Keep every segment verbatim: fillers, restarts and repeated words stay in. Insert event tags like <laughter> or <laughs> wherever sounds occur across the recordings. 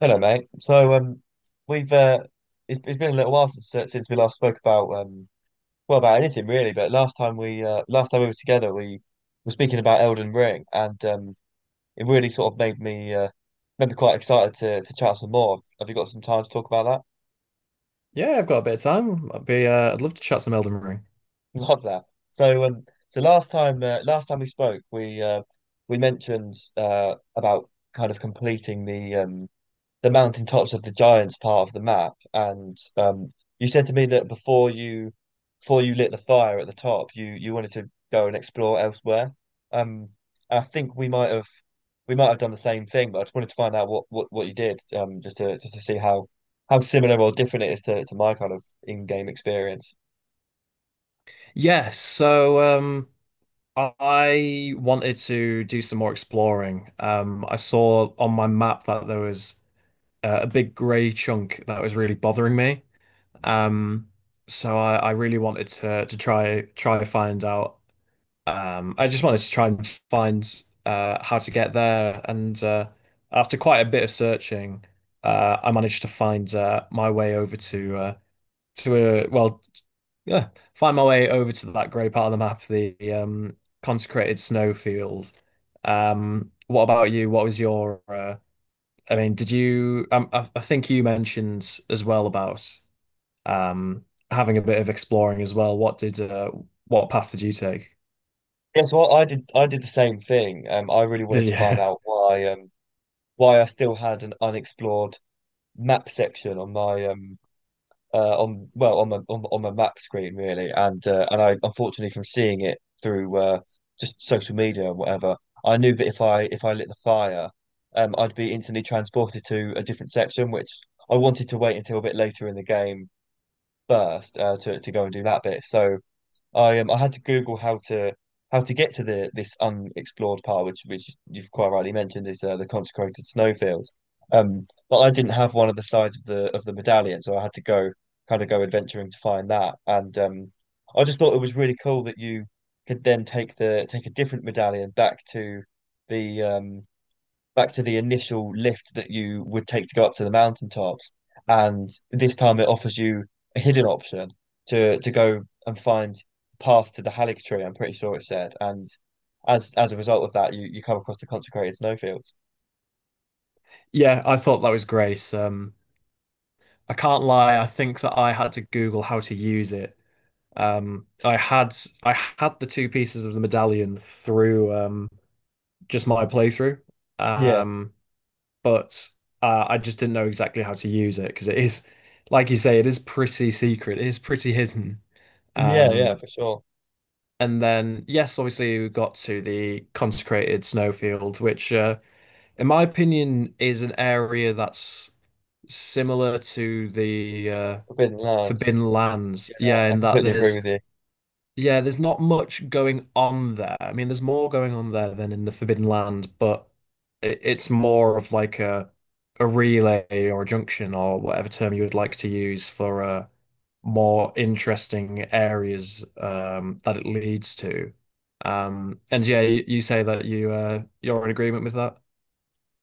Hello, mate. So, um, we've uh, it's, it's been a little while since uh, since we last spoke about um, well, about anything really. But last time we uh, last time we were together, we were speaking about Elden Ring, and um, it really sort of made me uh, made me quite excited to to chat some more. Have you got some time to talk about Yeah, I've got a bit of time. I'd be, uh, I'd love to chat some Elden Ring. that? <laughs> Love that. So, um, so last time uh, last time we spoke, we uh, we mentioned uh about kind of completing the um the mountaintops of the Giants part of the map. And um, you said to me that before you before you lit the fire at the top, you you wanted to go and explore elsewhere. Um, and I think we might have we might have done the same thing, but I just wanted to find out what what, what you did, um, just to just to see how how similar or different it is to, to my kind of in-game experience. Yes, Yeah, so um, I wanted to do some more exploring. Um, I saw on my map that there was uh, a big grey chunk that was really bothering me. Um, so I, I really wanted to to try try find out. Um, I just wanted to try and find uh, how to get there. And uh, after quite a bit of searching, uh, I managed to find uh, my way over to. Uh, to a well Yeah, find my way over to that grey part of the map, the um, consecrated snowfield. Um, what about you? What was your? Uh, I mean, did you? Um, I, I think you mentioned as well about um, having a bit of exploring as well. What did? Uh, what path did you take? Yes, well, I did I did the same thing. Um, I really wanted Did to you? find out <laughs> why um why I still had an unexplored map section on my um uh, on, well, on the on, on the map screen really, and uh, and I, unfortunately, from seeing it through uh, just social media and whatever, I knew that if I if I lit the fire, um, I'd be instantly transported to a different section, which I wanted to wait until a bit later in the game first, uh, to to go and do that bit. So I um I had to Google how to how to get to the this unexplored part, which which you've quite rightly mentioned is, uh, the consecrated snowfield. Um, but I didn't have one of the sides of the of the medallion, so I had to go, kind of go adventuring to find that. And um, I just thought it was really cool that you could then take the take a different medallion back to the um back to the initial lift that you would take to go up to the mountaintops. And this time it offers you a hidden option to to go and find path to the Halleck tree, I'm pretty sure it said. And as as a result of that, you, you come across the consecrated snowfields. Yeah, I thought that was great. Um, I can't lie. I think that I had to Google how to use it. Um, I had I had the two pieces of the medallion through. Um, just my playthrough. Yeah, Um, but uh, I just didn't know exactly how to use it because it is, like you say, it is pretty secret. It is pretty hidden. yeah, yeah, Um, for sure. and then yes, obviously we got to the consecrated snowfield, which, uh, in my opinion, is an area that's similar to the uh, Forbidden Lands. Forbidden Lands. Yeah, Yeah, I in that completely agree there's with you. Yeah, there's not much going on there. I mean, there's more going on there than in the Forbidden Land, but it, it's more of like a a relay or a junction or whatever term you would like to use for uh, more interesting areas um, that it leads to. Um, and yeah, you, you say that you uh, you're in agreement with that.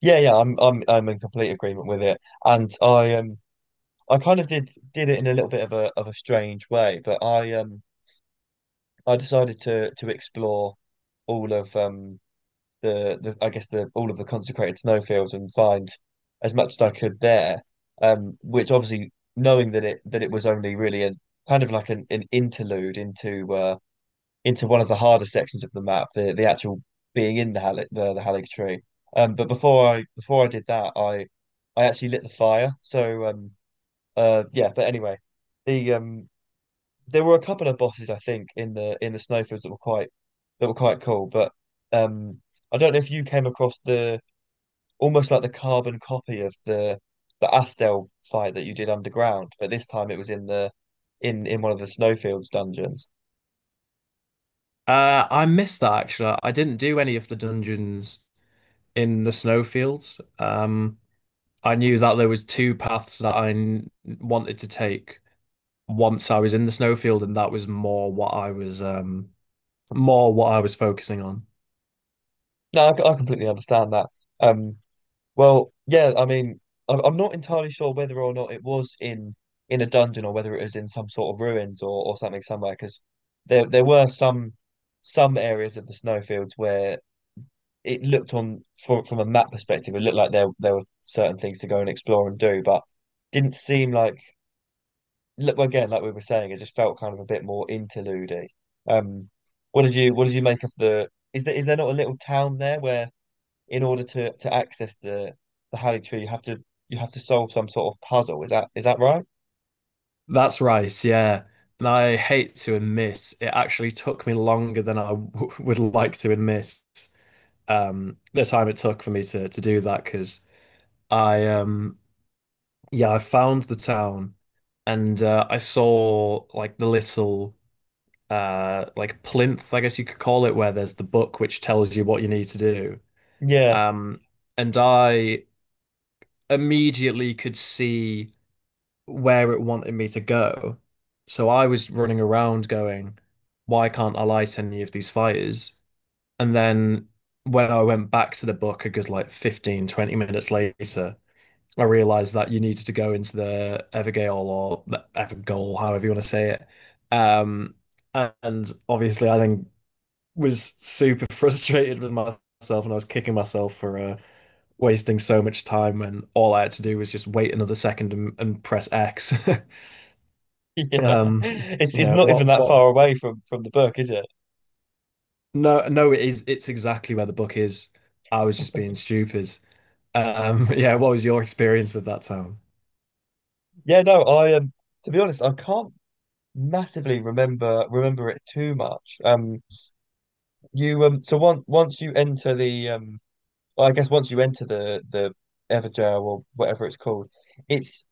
Yeah, yeah, I'm I'm I'm in complete agreement with it. And I um I kind of did did it in a little bit of a of a strange way, but I um I decided to to explore all of um the the I guess the all of the consecrated snowfields and find as much as I could there. Um, which obviously, knowing that it that it was only really a kind of like an, an interlude into uh into one of the harder sections of the map, the the actual being in the Halleck the, the Halleck tree. Um, but before I before I did that, I I actually lit the fire. So um uh yeah, but anyway, the um there were a couple of bosses, I think, in the in the snowfields, that were quite that were quite cool. But um, I don't know if you came across the, almost like, the carbon copy of the the Astel fight that you did underground, but this time it was in the in in one of the snowfields dungeons. Uh, I missed that actually. I didn't do any of the dungeons in the snowfields. Um, I knew that there was two paths that I n- wanted to take once I was in the snowfield, and that was more what I was um more what I was focusing on. No, I, I completely understand that. Um, well, yeah, I mean, I'm, I'm not entirely sure whether or not it was in in a dungeon or whether it was in some sort of ruins or or something somewhere because there there were some some areas of the snowfields where it looked on, from from a map perspective, it looked like there there were certain things to go and explore and do, but didn't seem like, look, again, like we were saying, it just felt kind of a bit more interlude-y. Um, what did you what did you make of the, is there is there not a little town there where in order to to access the the Halley Tree you have to, you have to solve some sort of puzzle? Is that is that right? That's right, yeah. And I hate to admit, it actually took me longer than I w <laughs> would like to admit um the time it took for me to to do that because I um yeah I found the town and uh, I saw like the little uh like plinth, I guess you could call it, where there's the book which tells you what you need to do. Yeah. <laughs> Um, and I immediately could see where it wanted me to go. So I was running around going, why can't I light any of these fires? And then when I went back to the book a good like fifteen, twenty minutes later, I realized that you needed to go into the Evergale or the Evergoal, however you want to say it. Um, and obviously, I then was super <laughs> frustrated with myself and I was kicking myself for uh, wasting so much time when all I had to do was just wait another second and, and press X. <laughs> Yeah. Um, It's it's yeah, not even what that what far away from from the book, is it? no no it is it's exactly where the book is. I was just being stupid. Um, <laughs> yeah, what was your experience with that town? Yeah, no, I um to be honest, I can't massively remember remember it too much. Um, you um, so once once you enter the um, well, I guess once you enter the the Everjail or whatever it's called, it's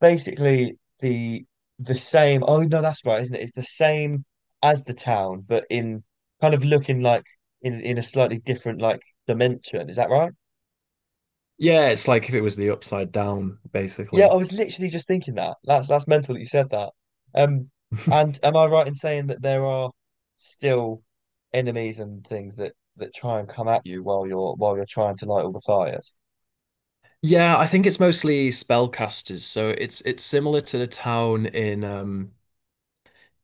basically the the same. Oh no, that's right, isn't it? It's the same as the town, but in kind of looking like in in a slightly different, like, dimension. Is that right? Yeah, it's like if it was the upside down, Yeah, I basically. was literally just thinking that. That's that's mental that you said that. Um, <laughs> and am I right in saying that there are still enemies and things that that try and come at you while you're while you're trying to light all the fires? Yeah, I think it's mostly spellcasters. So it's it's similar to the town in um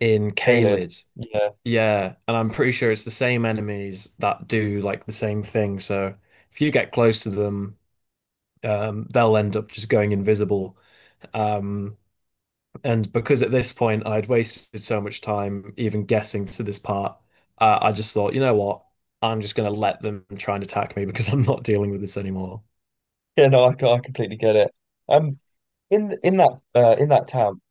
in Caled. Caelid. Yeah. Yeah, and I'm pretty sure it's the same enemies that do like the same thing. So if you get close to them, um, they'll end up just going invisible. Um, and because at this point I'd wasted so much time even guessing to this part, uh, I just thought, you know what? I'm just gonna let them try and attack me because <laughs> I'm not dealing with this anymore. Yeah, no, I, c- I completely get it. Um, in in that, uh, in that town,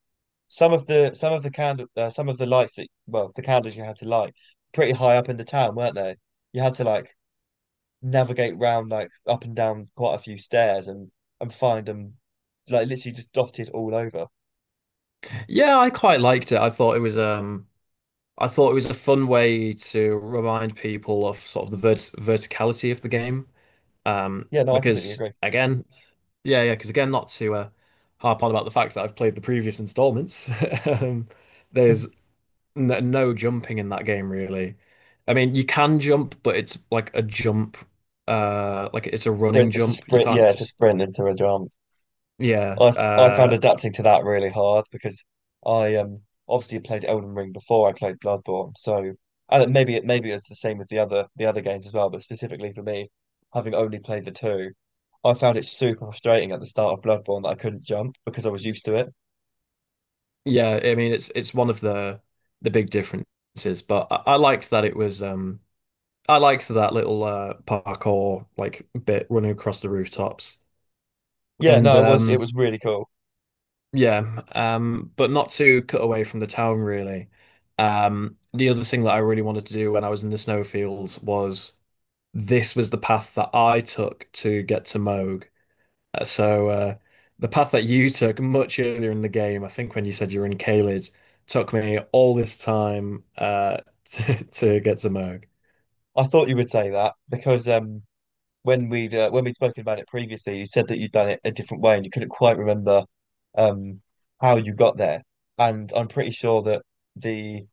some of the some of the candle uh, some of the lights that, well, the candles you had to light pretty high up in the town, weren't they? You had to like navigate round like up and down quite a few stairs and and find them like literally just dotted all over. Yeah, I quite liked it. I thought it was um, I thought it was a fun way to remind people of sort of the vert verticality of the game. Um, Yeah, no, I completely because agree. again, yeah, yeah, because again, not to uh, harp on about the fact that I've played the previous installments, <laughs> um, there's n no jumping in that game really. I mean, you can jump, but it's like a jump, uh, like it's a running Sprint, it's a jump. You sprint. can't Yeah, it's a just, sprint into a jump. yeah, I I found uh, adapting to that really hard because I um obviously played Elden Ring before I played Bloodborne, so, and it- maybe it maybe it's the same with the other the other games as well, but specifically for me, having only played the two, I found it super frustrating at the start of Bloodborne that I couldn't jump because I was used to it. yeah. I mean, it's it's one of the the big differences, but I, I liked that it was, um, I liked that little uh, parkour like bit running across the rooftops, Yeah, and no, it was it um. was really cool. Yeah, um, but not to cut away from the town really. Um, the other thing that I really wanted to do when I was in the snowfields was this was the path that I took to get to Moog. Uh, So uh, the path that you took much earlier in the game, I think when you said you were in Caelid, took me all this time uh, <laughs> to, to get to Moog. I thought you would say that because um, when we'd uh, when we'd spoken about it previously, you said that you'd done it a different way and you couldn't quite remember, um, how you got there. And I'm pretty sure that the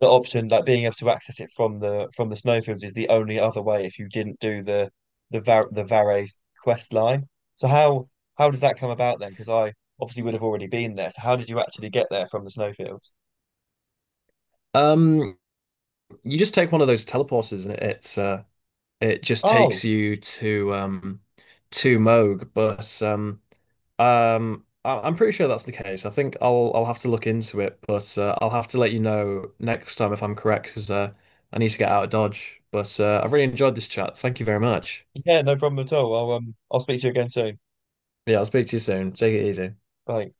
the option, like being able to access it from the from the snowfields, is the only other way if you didn't do the the Var the Vare's quest line. So how how does that come about then? Because I obviously would have already been there. So how did you actually get there from the snowfields? Um, you just take one of those teleporters and it, it's uh, it just takes Oh, you to um, to Moog, but um, Um, I I'm pretty sure that's the case. I think I'll I'll have to look into it, but uh, I'll have to let you know next time if I'm correct because uh, I need to get out of Dodge. But uh, I've really enjoyed this chat. Thank you very much. yeah, no problem at all. I'll um I'll speak to you again soon. Yeah, I'll speak to you soon. Take it easy. Bye.